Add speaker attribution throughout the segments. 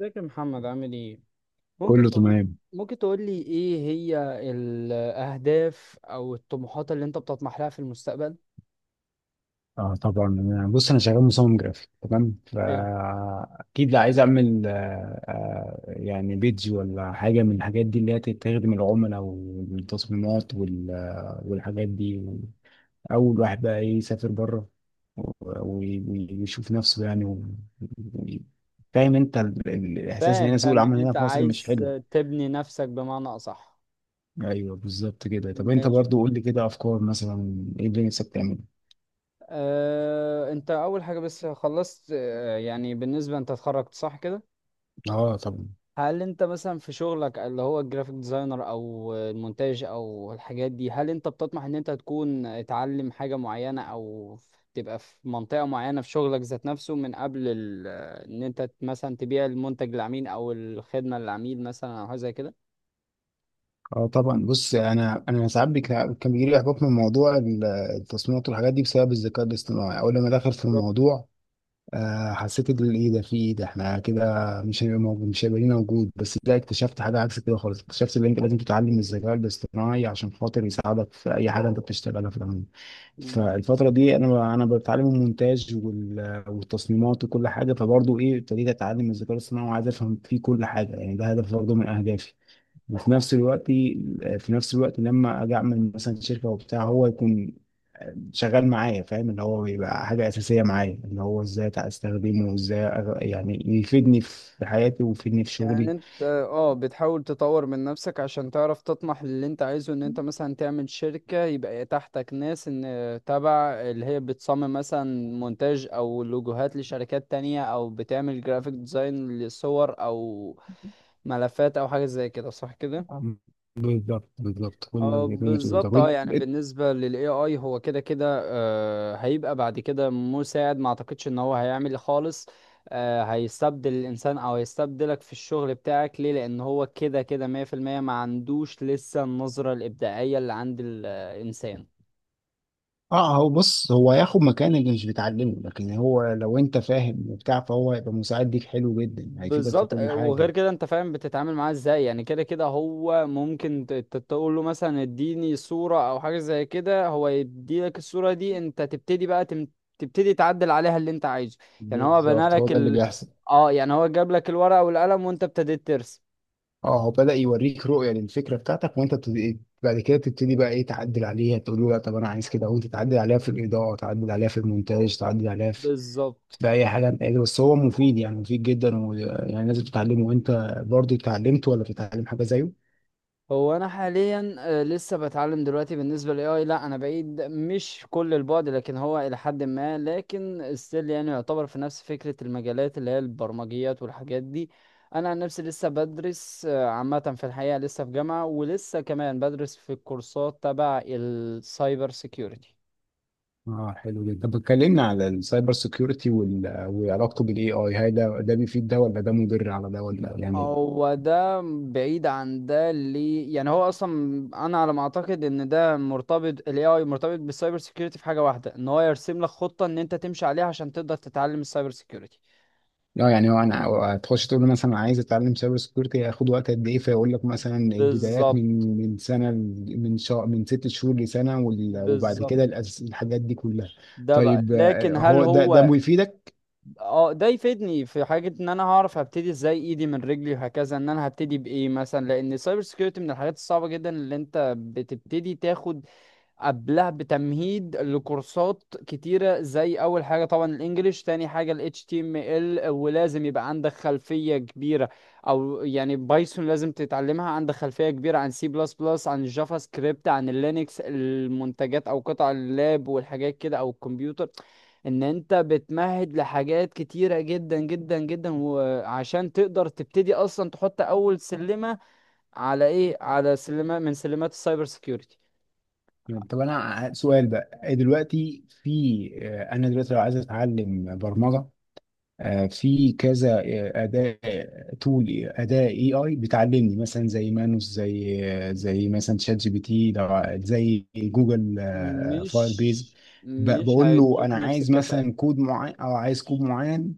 Speaker 1: ازيك يا محمد؟ عامل ايه؟ ممكن
Speaker 2: كله
Speaker 1: تقول،
Speaker 2: تمام.
Speaker 1: ممكن تقول لي ايه هي الاهداف او الطموحات اللي انت بتطمح لها في المستقبل؟
Speaker 2: اه طبعا. بص انا شغال مصمم جرافيك، تمام؟
Speaker 1: حلو.
Speaker 2: فاكيد لا، عايز اعمل يعني بيدج ولا حاجه من الحاجات دي اللي هي تخدم العملاء والتصميمات والحاجات دي. اول واحد بقى إيه؟ يسافر بره و- و- ويشوف نفسه، يعني، و- فاهم انت؟ الاحساس اللي
Speaker 1: فاهم
Speaker 2: هنا، سوق
Speaker 1: فاهم ان
Speaker 2: العمل هنا
Speaker 1: انت
Speaker 2: في مصر مش
Speaker 1: عايز
Speaker 2: حلو.
Speaker 1: تبني نفسك بمعنى اصح.
Speaker 2: ايوه بالظبط كده. طب انت
Speaker 1: ماشي.
Speaker 2: برضو قول لي كده افكار، مثلا ايه اللي نفسك تعمله؟
Speaker 1: انت اول حاجة بس خلصت، يعني بالنسبة، انت اتخرجت صح كده؟
Speaker 2: اه طبعا.
Speaker 1: هل انت مثلا في شغلك اللي هو الجرافيك ديزاينر او المونتاج او الحاجات دي، هل انت بتطمح ان انت تكون تعلم حاجة معينة او تبقى في منطقة معينة في شغلك ذات نفسه، من قبل ان انت مثلا تبيع المنتج للعميل او الخدمة للعميل مثلا او حاجة زي كده؟
Speaker 2: اه طبعا. بص انا ساعات كان بيجي لي احباط من موضوع التصميمات والحاجات دي بسبب الذكاء الاصطناعي، اول لما دخل في
Speaker 1: بالظبط.
Speaker 2: الموضوع. حسيت ان ايه ده، في ايه ده، احنا كده مش هيبقى موجود، مش هيبقى لينا وجود. بس لا، اكتشفت حاجه عكس كده خالص. اكتشفت ان انت لازم تتعلم الذكاء الاصطناعي عشان خاطر يساعدك في اي حاجه انت بتشتغلها في العموم. فالفتره دي انا بتعلم المونتاج والتصميمات وكل حاجه، فبرضه ايه ابتديت اتعلم الذكاء الاصطناعي وعايز افهم فيه كل حاجه. يعني ده هدف برضه من اهدافي. وفي نفس الوقت، في نفس الوقت لما اجي اعمل مثلا شركه وبتاع، هو يكون شغال معايا، فاهم؟ اللي هو بيبقى حاجه اساسيه معايا، اللي هو ازاي استخدمه وازاي يعني يفيدني في حياتي ويفيدني في
Speaker 1: يعني
Speaker 2: شغلي.
Speaker 1: انت اه بتحاول تطور من نفسك عشان تعرف تطمح للي انت عايزه، ان انت مثلا تعمل شركة يبقى تحتك ناس ان تبع اللي هي بتصمم مثلا مونتاج او لوجوهات لشركات تانية، او بتعمل جرافيك ديزاين لصور او ملفات او حاجة زي كده، صح كده؟
Speaker 2: بالظبط بالظبط، كل
Speaker 1: اه،
Speaker 2: اللي كل اللي بتقوله ده.
Speaker 1: بالظبط. اه يعني
Speaker 2: وإنت-
Speaker 1: بالنسبة لل AI، هو كده كده آه هيبقى بعد كده مساعد. ما اعتقدش ان هو هيعمل خالص، آه، هيستبدل الانسان او هيستبدلك في الشغل بتاعك. ليه؟ لان هو كده كده 100% ما عندوش لسه النظرة الابداعية اللي عند الانسان.
Speaker 2: اه هو، بص، هو هياخد مكان اللي مش بتعلمه، لكن هو لو انت فاهم وبتاع، فهو هيبقى مساعد ليك حلو جدا، هيفيدك في
Speaker 1: بالظبط.
Speaker 2: كل
Speaker 1: وغير
Speaker 2: حاجه.
Speaker 1: كده انت فاهم بتتعامل معاه ازاي، يعني كده كده هو ممكن تقول له مثلا اديني صورة او حاجة زي كده، هو يدي لك الصورة دي، انت تبتدي بقى تبتدي تعدل عليها اللي انت عايزه. يعني هو بنى
Speaker 2: بالظبط، هو
Speaker 1: لك
Speaker 2: ده اللي بيحصل.
Speaker 1: اه يعني هو جاب لك الورقة والقلم وانت ابتديت ترسم.
Speaker 2: اه، هو بدأ يوريك رؤية للفكرة بتاعتك، وانت بعد كده تبتدي بقى ايه، تعدل عليها، تقول له لا طب انا عايز كده، وانت تعدل عليها في الإضاءة، تعدل عليها في المونتاج، تعدل عليها في
Speaker 1: بالظبط.
Speaker 2: في اي حاجة انت قادر. بس هو مفيد، يعني مفيد جدا، ويعني لازم تتعلمه. وانت برضه اتعلمت ولا بتتعلم حاجة زيه؟
Speaker 1: هو انا حاليا لسه بتعلم دلوقتي. بالنسبه للاي اي، لا انا بعيد، مش كل البعد لكن هو الى حد ما، لكن ستيل يعني يعتبر في نفس فكره المجالات اللي هي البرمجيات والحاجات دي. انا عن نفسي لسه بدرس عامه، في الحقيقه لسه في جامعه، ولسه كمان بدرس في الكورسات تبع السايبر سيكيورتي.
Speaker 2: اه حلو جدا. طب اتكلمنا على السايبر سيكيورتي وال... وعلاقته بالاي اي، هل ده ده بيفيد ده ولا ده مضر على ده، ولا يعني؟
Speaker 1: هو ده بعيد عن ده، اللي يعني هو اصلا انا على ما اعتقد ان ده مرتبط، ال AI مرتبط بالسايبر سيكيورتي في حاجه واحده، ان هو يرسم لك خطه ان انت تمشي عليها عشان تقدر تتعلم السايبر سيكيورتي.
Speaker 2: اه يعني هو، انا تخش تقول له مثلا أنا عايز اتعلم سايبر سكيورتي هياخد وقت قد ايه، فيقول لك مثلا البدايات من
Speaker 1: بالظبط
Speaker 2: من سنه من شهر، من 6 شهور لسنه، وبعد
Speaker 1: بالظبط
Speaker 2: كده الحاجات دي كلها.
Speaker 1: ده بقى.
Speaker 2: طيب
Speaker 1: لكن هل
Speaker 2: هو ده ده
Speaker 1: هو
Speaker 2: بيفيدك؟
Speaker 1: اه ده يفيدني في حاجه؟ ان انا هعرف هبتدي ازاي، ايدي من رجلي وهكذا، ان انا هبتدي بايه مثلا، لان السايبر سيكيورتي من الحاجات الصعبه جدا اللي انت بتبتدي تاخد قبلها بتمهيد لكورسات كتيرة، زي أول حاجة طبعا الإنجليش، تاني حاجة ال HTML، ولازم يبقى عندك خلفية كبيرة أو يعني بايثون لازم تتعلمها، عندك خلفية كبيرة عن سي بلس بلس، عن الجافا سكريبت، عن اللينكس المنتجات، أو قطع اللاب والحاجات كده، أو الكمبيوتر. إن أنت بتمهد لحاجات كتيرة جدا جدا جدا وعشان تقدر تبتدي أصلا تحط أول سلمة على إيه؟ على سلمة من سلمات السايبر سيكيورتي.
Speaker 2: طب انا سؤال بقى دلوقتي. في انا دلوقتي لو عايز اتعلم برمجه، في كذا اداة، تول اداة اي اي بتعلمني، مثلا زي مانوس، زي زي مثلا شات جي بي تي، زي جوجل فاير بيز،
Speaker 1: مش مش
Speaker 2: بقول له
Speaker 1: هيدوك
Speaker 2: انا
Speaker 1: نفس
Speaker 2: عايز
Speaker 1: الكفاءة.
Speaker 2: مثلا كود معين او عايز كود معين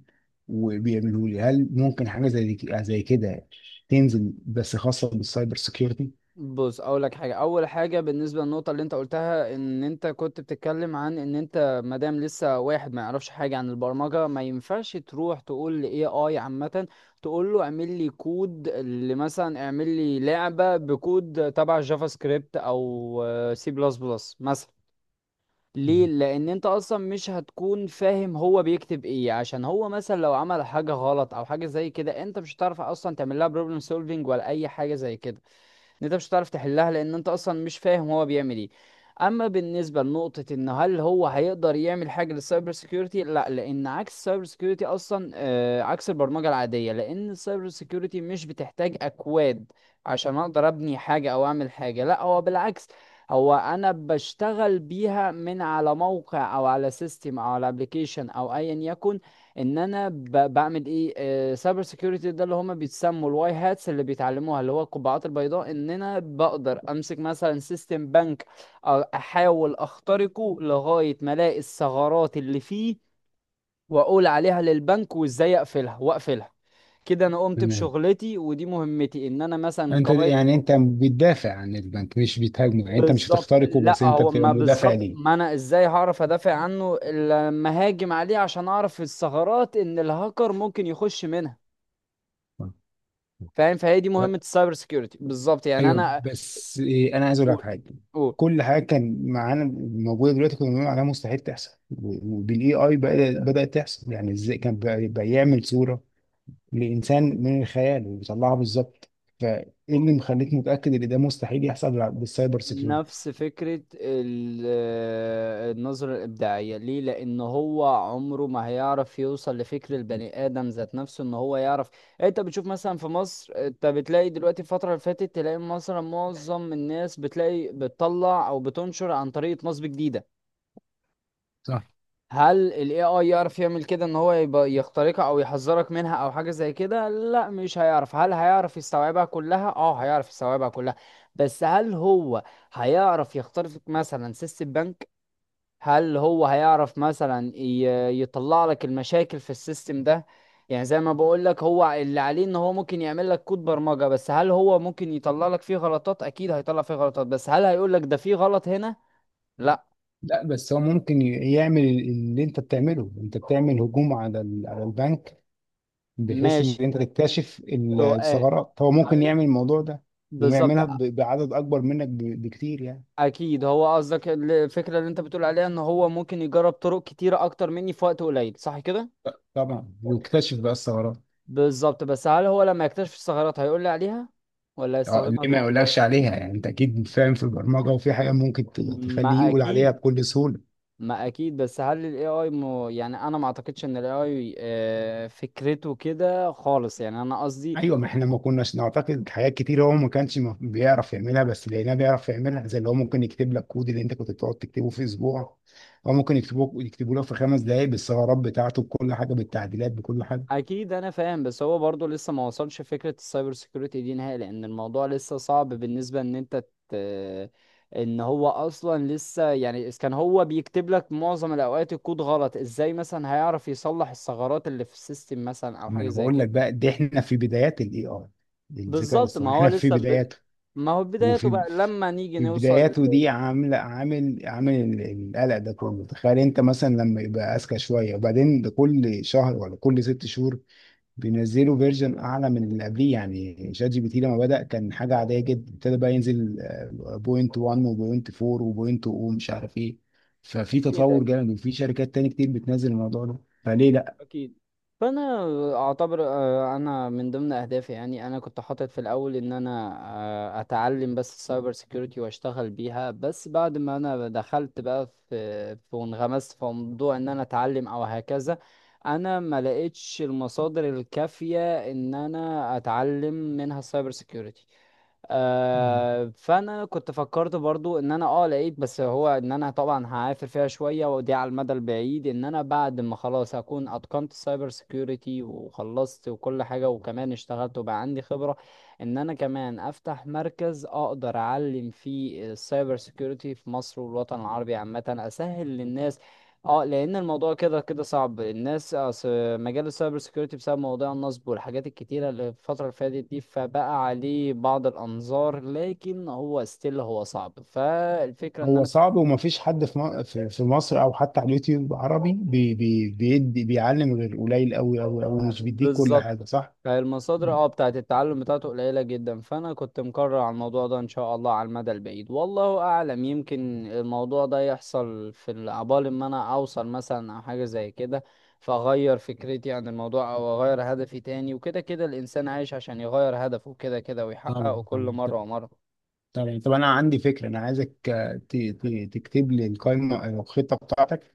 Speaker 2: وبيعمله لي. هل ممكن حاجة زي زي كده تنزل بس خاصة بالسايبر سيكيورتي؟
Speaker 1: بص اقول لك حاجة، اول حاجة بالنسبة للنقطة اللي انت قلتها، ان انت كنت بتتكلم عن ان انت مادام لسه واحد ما يعرفش حاجة عن البرمجة ما ينفعش تروح تقول لاي اي عامة، تقول له اعمل لي كود اللي مثلا اعمل لي لعبة بكود تبع جافا سكريبت او سي بلس بلس مثلا. ليه؟ لان انت اصلا مش هتكون فاهم هو بيكتب ايه، عشان هو مثلا لو عمل حاجه غلط او حاجه زي كده انت مش هتعرف اصلا تعمل لها بروبلم سولفينج ولا اي حاجه زي كده، ان انت مش هتعرف تحلها لان انت اصلا مش فاهم هو بيعمل ايه. اما بالنسبه لنقطه ان هل هو هيقدر يعمل حاجه للسايبر سيكيورتي، لا، لان عكس السايبر سيكيورتي اصلا عكس البرمجه العاديه، لان السايبر سيكيورتي مش بتحتاج اكواد عشان اقدر ابني حاجه او اعمل حاجه، لا هو بالعكس. هو انا بشتغل بيها من على موقع او على سيستم او على ابلكيشن او ايا يكن. ان انا بعمل ايه سايبر سيكيورتي، ده اللي هما بيتسموا الواي هاتس اللي بيتعلموها، اللي هو القبعات البيضاء، ان انا بقدر امسك مثلا سيستم بنك، احاول اخترقه لغاية ما الاقي الثغرات اللي فيه، واقول عليها للبنك وازاي اقفلها واقفلها. كده انا قمت
Speaker 2: تمام.
Speaker 1: بشغلتي ودي مهمتي، ان انا مثلا
Speaker 2: انت
Speaker 1: قواعد.
Speaker 2: يعني انت بتدافع عن البنك مش بتهاجمه؟ يعني انت مش
Speaker 1: بالظبط.
Speaker 2: هتخترقه، بس
Speaker 1: لا
Speaker 2: انت
Speaker 1: هو
Speaker 2: بتبقى
Speaker 1: ما
Speaker 2: مدافع
Speaker 1: بالظبط،
Speaker 2: ليه.
Speaker 1: ما انا ازاي هعرف ادافع عنه إلا لما هاجم عليه عشان اعرف الثغرات ان الهاكر ممكن يخش منها؟ فاهم؟ فهي دي مهمة السايبر سيكيورتي بالظبط، يعني
Speaker 2: ايوه
Speaker 1: انا.
Speaker 2: بس انا عايز اقول لك
Speaker 1: قول،
Speaker 2: حاجه.
Speaker 1: قول.
Speaker 2: كل حاجه كان معانا موجوده دلوقتي كنا بنقول عليها مستحيل تحصل، وبالاي اي بدات تحصل. يعني ازاي كان بقى يعمل صوره لانسان من الخيال ويطلعها بالظبط؟ فايه اللي مخليك متاكد ان ده مستحيل يحصل بالسايبر سيكيورتي؟
Speaker 1: نفس فكرة النظرة الإبداعية. ليه؟ لأن هو عمره ما هيعرف يوصل لفكر البني آدم ذات نفسه إن هو يعرف. إيه، أنت بتشوف مثلا في مصر، أنت بتلاقي دلوقتي الفترة اللي فاتت تلاقي مثلا معظم الناس بتلاقي بتطلع أو بتنشر عن طريقة نصب جديدة.
Speaker 2: صح.
Speaker 1: هل ال AI يعرف يعمل كده؟ ان هو يبقى يخترقها او يحذرك منها او حاجة زي كده؟ لا مش هيعرف. هل هيعرف يستوعبها كلها؟ اه هيعرف يستوعبها كلها، بس هل هو هيعرف يخترق مثلا سيستم بنك؟ هل هو هيعرف مثلا يطلع لك المشاكل في السيستم ده؟ يعني زي ما بقول لك، هو اللي عليه ان هو ممكن يعمل لك كود برمجة، بس هل هو ممكن يطلع لك فيه غلطات؟ اكيد هيطلع فيه غلطات، بس هل هيقول لك ده فيه غلط هنا؟ لا.
Speaker 2: لا بس هو ممكن يعمل اللي انت بتعمله. انت بتعمل هجوم على على البنك بحيث ان
Speaker 1: ماشي.
Speaker 2: انت تكتشف
Speaker 1: سؤال.
Speaker 2: الثغرات، هو ممكن
Speaker 1: هل
Speaker 2: يعمل الموضوع ده
Speaker 1: بالظبط.
Speaker 2: ويعملها بعدد اكبر منك بكتير، يعني.
Speaker 1: اكيد. هو قصدك الفكره اللي انت بتقول عليها ان هو ممكن يجرب طرق كتيره اكتر مني في وقت قليل، صح كده؟
Speaker 2: طبعا، ويكتشف بقى الثغرات.
Speaker 1: بالظبط. بس هل هو لما يكتشف الثغرات هيقول لي عليها ولا
Speaker 2: اه
Speaker 1: هيستخدمها
Speaker 2: ليه ما
Speaker 1: ضدي؟
Speaker 2: يقولكش عليها؟ يعني انت اكيد فاهم في البرمجه وفي حاجه ممكن تخليه
Speaker 1: ما
Speaker 2: يقول عليها
Speaker 1: اكيد
Speaker 2: بكل سهوله.
Speaker 1: ما اكيد بس هل الاي اي يعني انا ما اعتقدش ان الاي اي فكرته كده خالص، يعني انا قصدي.
Speaker 2: ايوه، ما احنا ما كناش نعتقد حاجات كتير هو ما كانش بيعرف يعملها، بس لقيناه بيعرف يعملها. زي اللي هو ممكن يكتب لك كود اللي انت كنت بتقعد تكتبه في اسبوع، هو ممكن يكتبه لك في 5 دقائق بالثغرات بتاعته، بكل حاجه، بالتعديلات، بكل حاجه.
Speaker 1: اكيد انا فاهم، بس هو برضه لسه ما وصلش فكره السايبر سيكيورتي دي نهائي، لان الموضوع لسه صعب بالنسبه ان ان هو اصلا لسه يعني إذا كان هو بيكتب لك معظم الاوقات الكود غلط، ازاي مثلا هيعرف يصلح الثغرات اللي في السيستم مثلا او
Speaker 2: ما
Speaker 1: حاجه
Speaker 2: انا
Speaker 1: زي
Speaker 2: بقول
Speaker 1: كده؟
Speaker 2: لك بقى، دي احنا في بدايات الاي اي، الذكاء
Speaker 1: بالظبط.
Speaker 2: الاصطناعي احنا في بداياته.
Speaker 1: ما هو بدايته
Speaker 2: وفي
Speaker 1: بقى، لما نيجي
Speaker 2: في
Speaker 1: نوصل
Speaker 2: بداياته دي عامل عامل عامل القلق ده كله. تخيل انت مثلا لما يبقى اذكى شويه، وبعدين ده كل شهر ولا كل 6 شهور بينزلوا فيرجن اعلى من اللي قبليه. يعني شات جي بي تي لما بدا كان حاجه عاديه جدا، ابتدى بقى ينزل بوينت 1 وبوينت 4 وبوينت 0 ومش عارف ايه. ففي
Speaker 1: اكيد،
Speaker 2: تطور
Speaker 1: اكيد
Speaker 2: جامد وفي شركات تاني كتير بتنزل الموضوع ده. فليه؟
Speaker 1: اكيد فانا اعتبر، انا من ضمن اهدافي، يعني انا كنت حاطط في الاول ان انا اتعلم بس السايبر سيكيورتي واشتغل بيها. بس بعد ما انا دخلت بقى في وانغمست في موضوع ان انا اتعلم او هكذا، انا ما لقيتش المصادر الكافية ان انا اتعلم منها السايبر سيكيورتي.
Speaker 2: لا،
Speaker 1: آه، فانا كنت فكرت برضو ان انا اه لقيت، بس هو ان انا طبعا هعافر فيها شوية، ودي على المدى البعيد، ان انا بعد ما خلاص هكون اتقنت السايبر سيكيورتي وخلصت وكل حاجة وكمان اشتغلت وبقى عندي خبرة، ان انا كمان افتح مركز اقدر اعلم فيه السايبر سيكيورتي في مصر والوطن العربي عامة، اسهل للناس. اه، لان الموضوع كده كده صعب، الناس مجال السايبر سيكيورتي بسبب مواضيع النصب والحاجات الكتيرة اللي في الفترة اللي فاتت دي، فبقى عليه بعض الأنظار، لكن هو ستيل هو صعب. فالفكرة إن
Speaker 2: هو
Speaker 1: أنا كنت،
Speaker 2: صعب ومفيش حد في م- في في مصر او حتى على اليوتيوب عربي بي بي بيدي بيعلم غير قليل قوي قوي قوي، مش بيديك كل
Speaker 1: بالظبط،
Speaker 2: حاجه، صح؟
Speaker 1: فالمصادر اه بتاعت التعلم بتاعته قليلة جدا، فأنا كنت مقرر على الموضوع ده إن شاء الله على المدى البعيد، والله أعلم يمكن الموضوع ده يحصل في عبال ما أنا أوصل مثلا أو حاجة زي كده، فأغير فكرتي عن الموضوع أو أغير هدفي تاني، وكده كده الإنسان عايش عشان يغير هدفه كده كده
Speaker 2: طبعا،
Speaker 1: ويحققه كل
Speaker 2: طبعا.
Speaker 1: مرة ومرة.
Speaker 2: طب انا عندي فكره. انا عايزك تكتب لي القائمه أو الخطه بتاعتك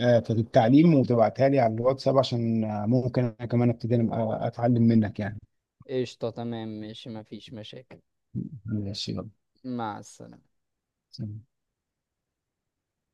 Speaker 2: في التعليم، وتبعتها لي على الواتساب، عشان ممكن انا كمان ابتدي أنا اتعلم منك، يعني.
Speaker 1: قشطة، تمام، ماشي، مفيش مشاكل.
Speaker 2: ماشي.
Speaker 1: مع السلامة.
Speaker 2: يلا.